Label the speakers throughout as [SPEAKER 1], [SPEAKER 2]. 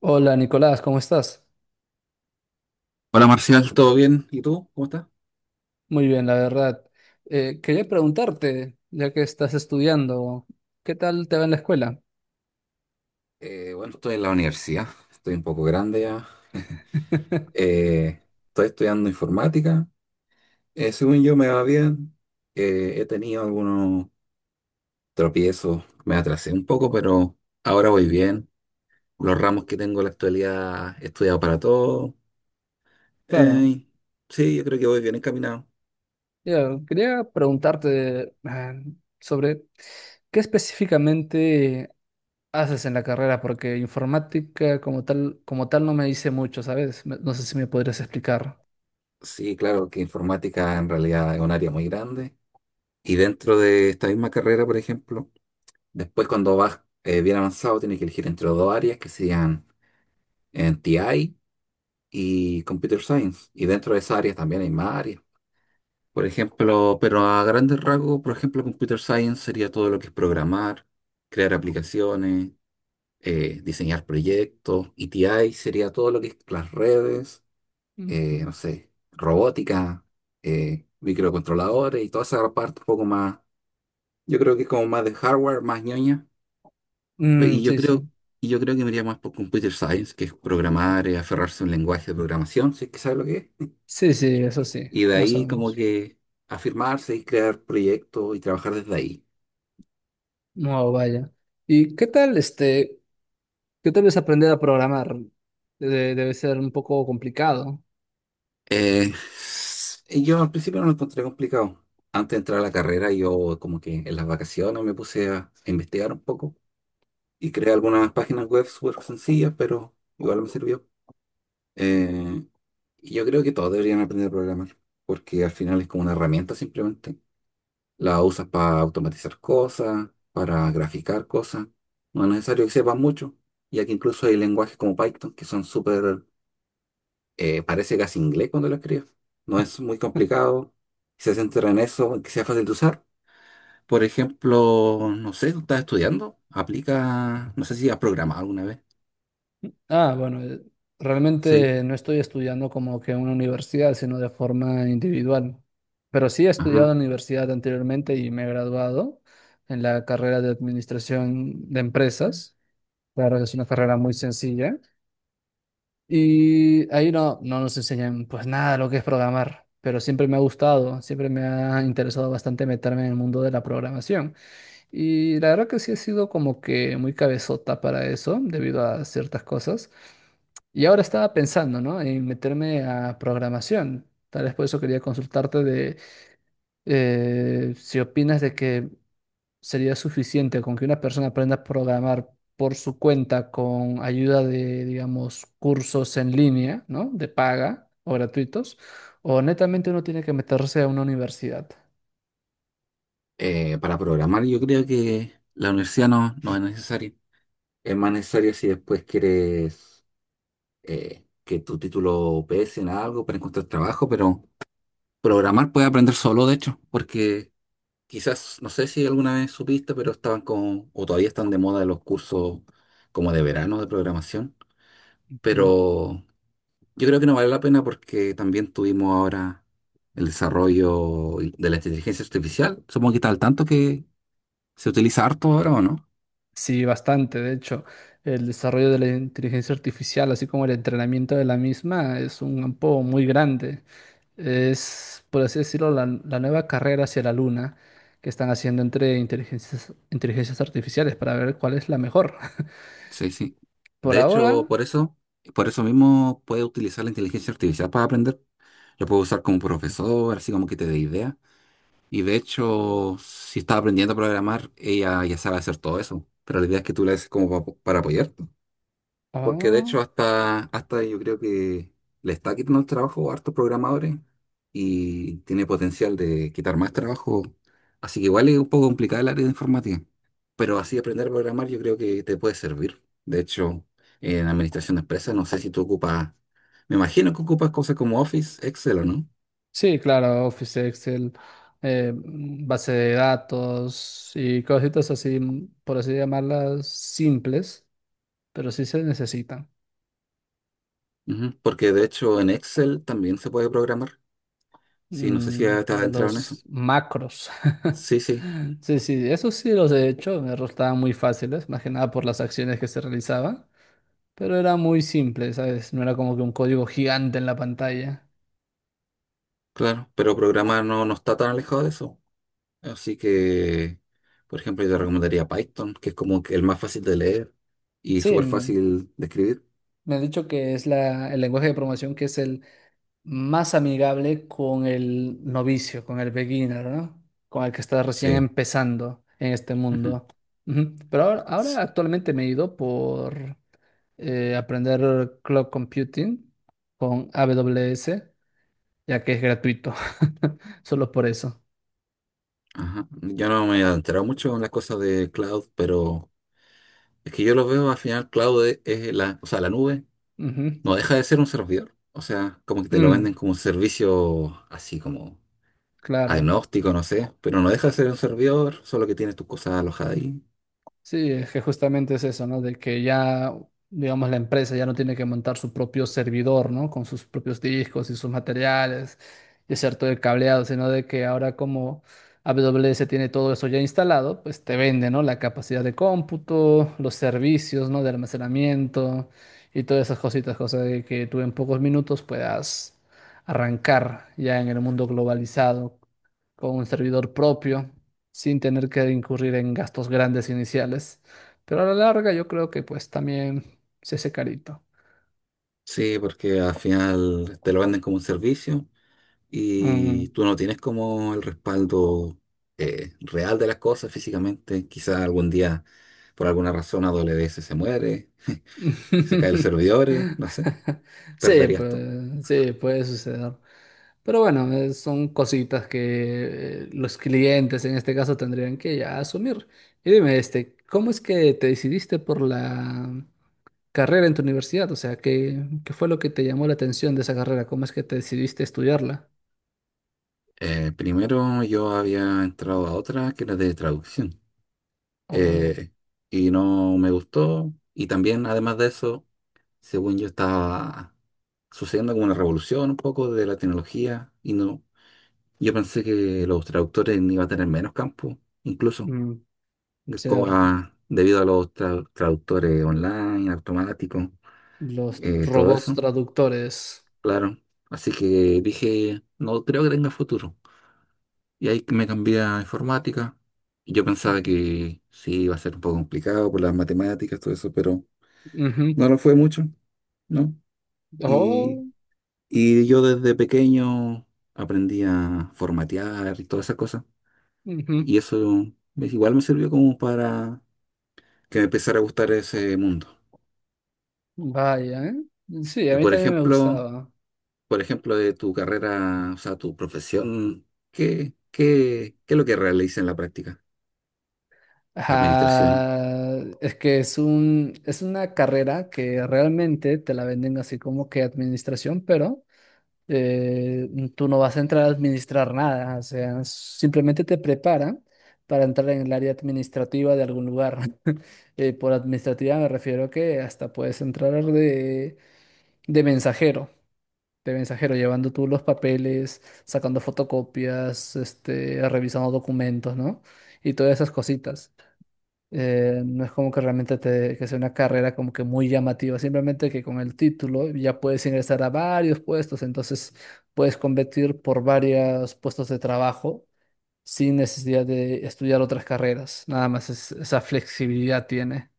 [SPEAKER 1] Hola Nicolás, ¿cómo estás?
[SPEAKER 2] Hola Marcial, ¿todo bien? ¿Y tú? ¿Cómo estás?
[SPEAKER 1] Muy bien, la verdad. Quería preguntarte, ya que estás estudiando, ¿qué tal te va en la escuela?
[SPEAKER 2] Bueno, Estoy en la universidad, estoy un poco grande ya. Eh, Estoy estudiando informática. Según yo me va bien. He tenido algunos tropiezos, me atrasé un poco, pero ahora voy bien. Los ramos que tengo en la actualidad he estudiado para todo.
[SPEAKER 1] Claro,
[SPEAKER 2] Eh, sí, yo creo que voy bien encaminado.
[SPEAKER 1] ya, quería preguntarte sobre qué específicamente haces en la carrera, porque informática como tal no me dice mucho, ¿sabes? No sé si me podrías explicar.
[SPEAKER 2] Sí, claro que informática en realidad es un área muy grande. Y dentro de esta misma carrera, por ejemplo, después, cuando vas bien avanzado, tienes que elegir entre dos áreas que serían en TI y Computer Science. Y dentro de esas áreas también hay más áreas. Por ejemplo, pero a grandes rasgos, por ejemplo, Computer Science sería todo lo que es programar, crear aplicaciones, diseñar proyectos. Y TI sería todo lo que es las redes,
[SPEAKER 1] Ujú.
[SPEAKER 2] no sé, robótica, microcontroladores y toda esa parte un poco más, yo creo que es como más de hardware, más ñoña. Pe-
[SPEAKER 1] Mm,
[SPEAKER 2] Y yo
[SPEAKER 1] sí,
[SPEAKER 2] creo,
[SPEAKER 1] sí.
[SPEAKER 2] y yo creo que me iría más por Computer Science, que es programar, aferrarse a un lenguaje de programación, si es que sabe lo que es.
[SPEAKER 1] Sí, sí, eso sí,
[SPEAKER 2] Y de
[SPEAKER 1] más o
[SPEAKER 2] ahí como
[SPEAKER 1] menos.
[SPEAKER 2] que afirmarse y crear proyectos y trabajar desde ahí.
[SPEAKER 1] No, vaya. ¿Y qué tal este? Que tal vez aprender a programar debe ser un poco complicado.
[SPEAKER 2] Y yo al principio no lo encontré complicado. Antes de entrar a la carrera, yo como que en las vacaciones me puse a investigar un poco y creé algunas páginas web súper sencillas, pero igual me sirvió. Eh, y yo creo que todos deberían aprender a programar, porque al final es como una herramienta simplemente. La usas para automatizar cosas, para graficar cosas. No es necesario que sepas mucho, ya que incluso hay lenguajes como Python que son súper, parece casi inglés cuando lo escribes. No es muy complicado, si se centra en eso, en que sea fácil de usar. Por ejemplo, no sé, tú estás estudiando, aplica, no sé si has programado alguna vez.
[SPEAKER 1] Ah, bueno,
[SPEAKER 2] Sí,
[SPEAKER 1] realmente no estoy estudiando como que en una universidad, sino de forma individual. Pero sí he
[SPEAKER 2] ajá.
[SPEAKER 1] estudiado en la universidad anteriormente y me he graduado en la carrera de administración de empresas. Claro, es una carrera muy sencilla. Y ahí no nos enseñan pues nada de lo que es programar, pero siempre me ha gustado, siempre me ha interesado bastante meterme en el mundo de la programación. Y la verdad que sí he sido como que muy cabezota para eso, debido a ciertas cosas. Y ahora estaba pensando, ¿no? En meterme a programación. Tal vez por eso quería consultarte de si opinas de que sería suficiente con que una persona aprenda a programar por su cuenta con ayuda de, digamos, cursos en línea, ¿no? De paga o gratuitos, o netamente uno tiene que meterse a una universidad.
[SPEAKER 2] Para programar yo creo que la universidad no es necesaria. Es más necesario si después quieres que tu título pese en algo para encontrar trabajo, pero programar puedes aprender solo, de hecho, porque quizás, no sé si alguna vez supiste, pero estaban con, o todavía están de moda los cursos como de verano de programación, pero yo creo que no vale la pena porque también tuvimos ahora el desarrollo de la inteligencia artificial, supongo que está al tanto que se utiliza harto ahora, ¿o no?
[SPEAKER 1] Sí, bastante. De hecho, el desarrollo de la inteligencia artificial, así como el entrenamiento de la misma, es un campo muy grande. Es, por así decirlo, la nueva carrera hacia la luna que están haciendo entre inteligencias artificiales para ver cuál es la mejor.
[SPEAKER 2] Sí, sí.
[SPEAKER 1] Por
[SPEAKER 2] De
[SPEAKER 1] ahora,
[SPEAKER 2] hecho, por eso mismo puedes utilizar la inteligencia artificial para aprender. Lo puedes usar como profesor, así como que te dé ideas. Y de hecho, si estás aprendiendo a programar, ella ya sabe hacer todo eso. Pero la idea es que tú la haces como para apoyarte. Porque de
[SPEAKER 1] ah,
[SPEAKER 2] hecho hasta yo creo que le está quitando el trabajo a hartos programadores y tiene potencial de quitar más trabajo. Así que igual es un poco complicada el área de informática. Pero así aprender a programar yo creo que te puede servir. De hecho, en administración de empresas no sé si tú ocupas, me imagino que ocupas cosas como Office, Excel o no.
[SPEAKER 1] sí, claro, Office, Excel, base de datos y cositas así, por así llamarlas, simples, pero sí se necesitan.
[SPEAKER 2] Ujú, porque de hecho en Excel también se puede programar. Sí, no sé si
[SPEAKER 1] Mm,
[SPEAKER 2] ya te has entrado en eso.
[SPEAKER 1] los macros.
[SPEAKER 2] Sí, sí,
[SPEAKER 1] Sí, sí, eso sí los he hecho, me resultaban muy fáciles, más que nada por las acciones que se realizaban, pero era muy simple, ¿sabes? No era como que un código gigante en la pantalla.
[SPEAKER 2] claro. Pero programar no está tan alejado de eso. Así que, por ejemplo, yo te recomendaría Python, que es como que el más fácil de leer y
[SPEAKER 1] Sí,
[SPEAKER 2] súper
[SPEAKER 1] mm,
[SPEAKER 2] fácil de escribir.
[SPEAKER 1] me han dicho que es la, el lenguaje de programación que es el más amigable con el novicio, con el beginner, ¿no? Con el que está recién
[SPEAKER 2] Sí,
[SPEAKER 1] empezando en este
[SPEAKER 2] ujú.
[SPEAKER 1] mundo. Ujú. Pero ahora,
[SPEAKER 2] S-
[SPEAKER 1] ahora actualmente me he ido por aprender cloud computing con AWS, ya que es gratuito, solo por eso.
[SPEAKER 2] Ajá. Yo no me he enterado mucho en las cosas de cloud, pero es que yo lo veo al final, cloud es la, o sea, la nube
[SPEAKER 1] Ujú.
[SPEAKER 2] no deja de ser un servidor. O sea, como que te lo venden
[SPEAKER 1] Mm,
[SPEAKER 2] como un servicio así como
[SPEAKER 1] claro.
[SPEAKER 2] agnóstico, no sé, pero no deja de ser un servidor, solo que tienes tus cosas alojadas ahí.
[SPEAKER 1] Sí, es que justamente es eso, ¿no? De que ya, digamos, la empresa ya no tiene que montar su propio servidor, ¿no? Con sus propios discos y sus materiales y hacer todo el cableado, sino de que ahora como AWS tiene todo eso ya instalado, pues te vende, ¿no? La capacidad de cómputo, los servicios, ¿no? De almacenamiento y todas esas cositas, cosas de que tú en pocos minutos puedas arrancar ya en el mundo globalizado con un servidor propio sin tener que incurrir en gastos grandes iniciales. Pero a la larga yo creo que pues también se hace carito.
[SPEAKER 2] Sí, porque al final te lo venden como un servicio y
[SPEAKER 1] Mm.
[SPEAKER 2] tú no tienes como el respaldo real de las cosas físicamente. Quizás algún día, por alguna razón, AWS se muere, se caen los servidores, no sé,
[SPEAKER 1] Sí,
[SPEAKER 2] perderías todo.
[SPEAKER 1] pues, sí, puede suceder. Pero bueno, son cositas que los clientes en este caso tendrían que ya asumir. Y dime, este, ¿cómo es que te decidiste por la carrera en tu universidad? O sea, ¿qué, qué fue lo que te llamó la atención de esa carrera? ¿Cómo es que te decidiste estudiarla?
[SPEAKER 2] Primero yo había entrado a otra que era de traducción
[SPEAKER 1] Oh,
[SPEAKER 2] eh, y no me gustó. Y también, además de eso, según yo estaba sucediendo como una revolución un poco de la tecnología y no, yo pensé que los traductores iban a tener menos campo incluso.
[SPEAKER 1] mm,
[SPEAKER 2] co-
[SPEAKER 1] cierto.
[SPEAKER 2] Debido a los traductores online, automáticos,
[SPEAKER 1] Los
[SPEAKER 2] todo
[SPEAKER 1] robots
[SPEAKER 2] eso,
[SPEAKER 1] traductores.
[SPEAKER 2] claro. Así que dije, no creo que tenga futuro. Y ahí me cambié a informática. Y yo pensaba
[SPEAKER 1] Ujú.
[SPEAKER 2] que sí, iba a ser un poco complicado por las matemáticas, todo eso, pero
[SPEAKER 1] Ujú.
[SPEAKER 2] no lo fue mucho, ¿no? Y,
[SPEAKER 1] Oh,
[SPEAKER 2] y yo desde pequeño aprendí a formatear y todas esas cosas.
[SPEAKER 1] ujú.
[SPEAKER 2] Y eso igual me sirvió como para que me empezara a gustar ese mundo.
[SPEAKER 1] Vaya, ¿eh? Sí, a
[SPEAKER 2] Y
[SPEAKER 1] mí también me gustaba.
[SPEAKER 2] por ejemplo, de tu carrera, o sea, tu profesión, ¿ qué es lo que realiza en la práctica? Administración.
[SPEAKER 1] Ah, es que es es una carrera que realmente te la venden así como que administración, pero eh, tú no vas a entrar a administrar nada, o sea, simplemente te preparan para entrar en el área administrativa de algún lugar. Por administrativa me refiero que hasta puedes entrar de mensajero, de mensajero, llevando tú los papeles, sacando fotocopias, este, revisando documentos, ¿no? Y todas esas cositas. No es como que realmente te, que sea una carrera como que muy llamativa, simplemente que con el título ya puedes ingresar a varios puestos, entonces puedes competir por varios puestos de trabajo sin necesidad de estudiar otras carreras. Nada más esa flexibilidad tiene.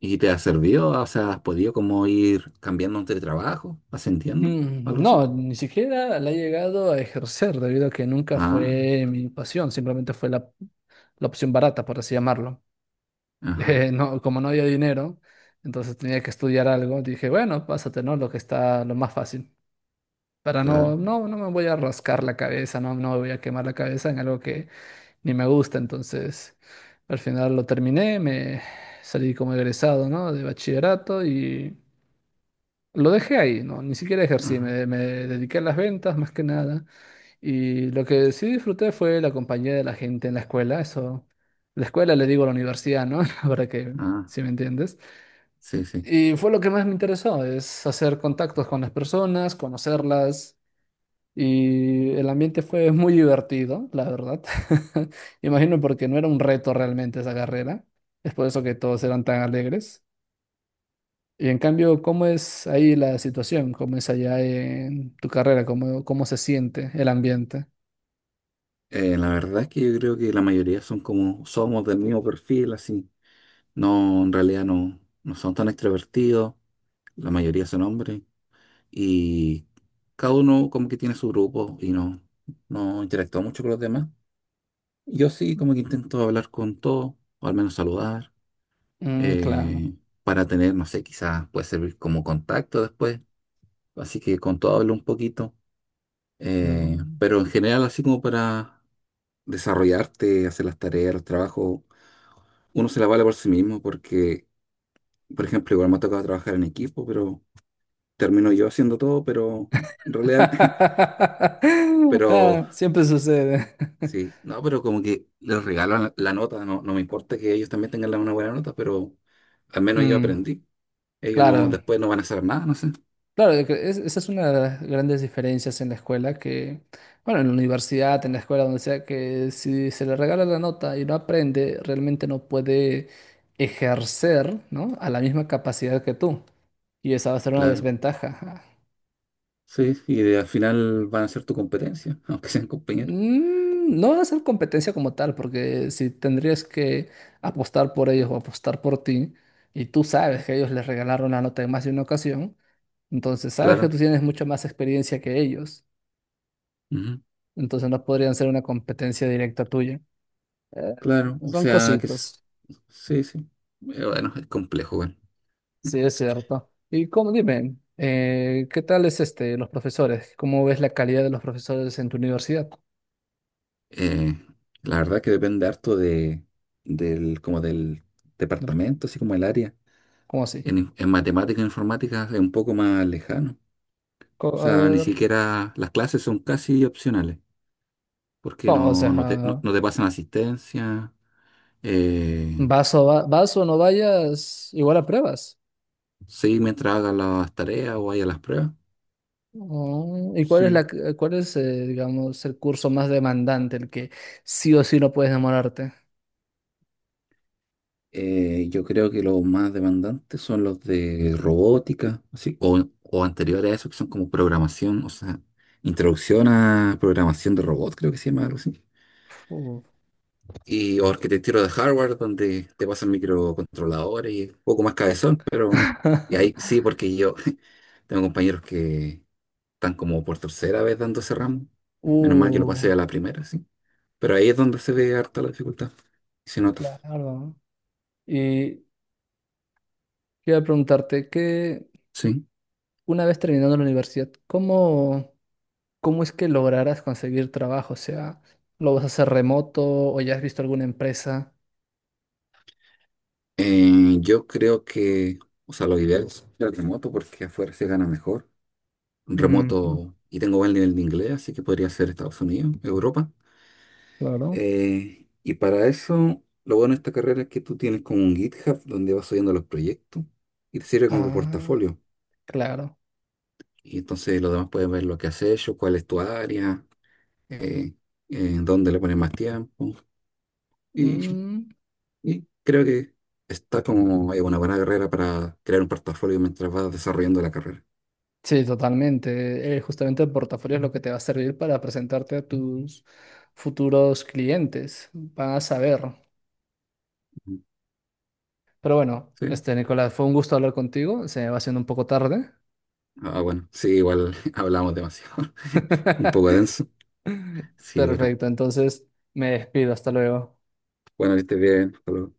[SPEAKER 2] ¿Y te ha servido? O sea, ¿has podido como ir cambiando de trabajo, ascendiendo,
[SPEAKER 1] Mm,
[SPEAKER 2] algo
[SPEAKER 1] no,
[SPEAKER 2] así?
[SPEAKER 1] ni siquiera la he llegado a ejercer debido a que nunca
[SPEAKER 2] Ah,
[SPEAKER 1] fue mi pasión, simplemente fue la opción barata, por así llamarlo.
[SPEAKER 2] ajá,
[SPEAKER 1] No, como no había dinero, entonces tenía que estudiar algo, dije, bueno, pásate, ¿no? Lo que está lo más fácil. Para
[SPEAKER 2] claro,
[SPEAKER 1] no me voy a rascar la cabeza, no me voy a quemar la cabeza en algo que ni me gusta. Entonces, al final lo terminé, me salí como egresado, ¿no? De bachillerato y lo dejé ahí, ¿no? Ni siquiera ejercí,
[SPEAKER 2] ajá,
[SPEAKER 1] me dediqué a las ventas más que nada. Y lo que sí disfruté fue la compañía de la gente en la escuela, eso, la escuela le digo a la universidad, ¿no? Para que,
[SPEAKER 2] ah,
[SPEAKER 1] si me entiendes.
[SPEAKER 2] sí, sí.
[SPEAKER 1] Y fue lo que más me interesó, es hacer contactos con las personas, conocerlas, y el ambiente fue muy divertido, la verdad. Imagino porque no era un reto realmente esa carrera, es por eso que todos eran tan alegres. Y en cambio, ¿cómo es ahí la situación? ¿Cómo es allá en tu carrera? ¿Cómo, cómo se siente el ambiente?
[SPEAKER 2] La verdad es que yo creo que la mayoría son como, somos del mismo perfil, así. No, en realidad no son tan extrovertidos, la mayoría son hombres. Y cada uno como que tiene su grupo y no, no interactúa mucho con los demás. Yo sí como que intento hablar con todos, o al menos saludar,
[SPEAKER 1] Mm, claro.
[SPEAKER 2] eh, para tener, no sé, quizás puede servir como contacto después, así que con todo hablo un poquito,
[SPEAKER 1] Mm.
[SPEAKER 2] pero en general así como para desarrollarte, hacer las tareas, los trabajos, uno se la vale por sí mismo porque, por ejemplo, igual me ha tocado trabajar en equipo, pero termino yo haciendo todo, pero en realidad… Pero
[SPEAKER 1] Ah, siempre sucede.
[SPEAKER 2] sí, no, pero como que les regalan la nota, no me importa que ellos también tengan una buena nota, pero al menos yo
[SPEAKER 1] Mm,
[SPEAKER 2] aprendí. Ellos no,
[SPEAKER 1] claro,
[SPEAKER 2] después no van a hacer nada, no sé.
[SPEAKER 1] claro, yo esa es una de las grandes diferencias en la escuela que, bueno, en la universidad, en la escuela, donde sea, que si se le regala la nota y no aprende, realmente no puede ejercer, ¿no? A la misma capacidad que tú. Y esa va a ser una
[SPEAKER 2] Claro.
[SPEAKER 1] desventaja.
[SPEAKER 2] Sí, y al final van a ser tu competencia, aunque sean compañeros.
[SPEAKER 1] Mm, no va a ser competencia como tal, porque si tendrías que apostar por ellos o apostar por ti, y tú sabes que ellos les regalaron la nota en más de una ocasión, entonces sabes que
[SPEAKER 2] Claro,
[SPEAKER 1] tú tienes mucha más experiencia que ellos,
[SPEAKER 2] ujú,
[SPEAKER 1] entonces no podrían ser una competencia directa tuya. Eh,
[SPEAKER 2] claro, o
[SPEAKER 1] son
[SPEAKER 2] sea que
[SPEAKER 1] cositas,
[SPEAKER 2] sí, sí. Bueno, es complejo, bueno.
[SPEAKER 1] sí es cierto. Y como dime, ¿qué tal es este, los profesores? ¿Cómo ves la calidad de los profesores en tu universidad?
[SPEAKER 2] Eh, la verdad que depende harto de, del, como del departamento, así como el área.
[SPEAKER 1] ¿Cómo así?
[SPEAKER 2] En matemática e informática es un poco más lejano. O
[SPEAKER 1] A
[SPEAKER 2] sea, ni
[SPEAKER 1] ver,
[SPEAKER 2] siquiera las clases son casi opcionales, porque
[SPEAKER 1] no, o sea...
[SPEAKER 2] no te pasan asistencia. eh,
[SPEAKER 1] Vas o no vayas, igual a pruebas.
[SPEAKER 2] sí, mientras hagas las tareas o haya las pruebas.
[SPEAKER 1] Oh, ¿y cuál es
[SPEAKER 2] Sí.
[SPEAKER 1] cuál es, digamos, el curso más demandante, el que sí o sí no puedes demorarte?
[SPEAKER 2] Yo creo que los más demandantes son los de robótica, así, o anteriores a eso, que son como programación, o sea, introducción a programación de robot, creo que se llama algo así.
[SPEAKER 1] Uh.
[SPEAKER 2] Y o arquitectura de hardware, donde te pasan microcontroladores y un poco más cabezón, pero. Y ahí sí, porque yo tengo compañeros que están como por tercera vez dando ese ramo. Menos mal yo lo
[SPEAKER 1] Uh,
[SPEAKER 2] pasé a la primera, sí. Pero ahí es donde se ve harta la dificultad y se nota.
[SPEAKER 1] claro. Y quería preguntarte que
[SPEAKER 2] Sí.
[SPEAKER 1] una vez terminando la universidad, ¿cómo, cómo es que lograrás conseguir trabajo? O sea, ¿lo vas a hacer remoto o ya has visto alguna empresa?
[SPEAKER 2] Yo creo que, o sea, lo ideal es el remoto porque afuera se gana mejor. Un
[SPEAKER 1] Ujú,
[SPEAKER 2] remoto, y tengo buen nivel de inglés, así que podría ser Estados Unidos, Europa.
[SPEAKER 1] claro.
[SPEAKER 2] Y para eso, lo bueno de esta carrera es que tú tienes como un GitHub donde vas subiendo los proyectos y te sirve como
[SPEAKER 1] Ah,
[SPEAKER 2] portafolio.
[SPEAKER 1] claro.
[SPEAKER 2] Y entonces los demás pueden ver lo que has hecho, cuál es tu área, eh, dónde le pones más tiempo. Y,
[SPEAKER 1] Mm,
[SPEAKER 2] y creo que está como una buena carrera para crear un portafolio mientras vas desarrollando la carrera.
[SPEAKER 1] sí, totalmente. Justamente el portafolio es lo que te va a servir para presentarte a tus futuros clientes. Van a saber.
[SPEAKER 2] Ujú.
[SPEAKER 1] Pero bueno,
[SPEAKER 2] Sí,
[SPEAKER 1] este, Nicolás, fue un gusto hablar contigo. Se me va haciendo un poco tarde.
[SPEAKER 2] ah, bueno, sí, igual hablamos demasiado, un poco denso. Sí, pero
[SPEAKER 1] Perfecto, entonces me despido. Hasta luego.
[SPEAKER 2] bueno, que estés bien. Hasta luego.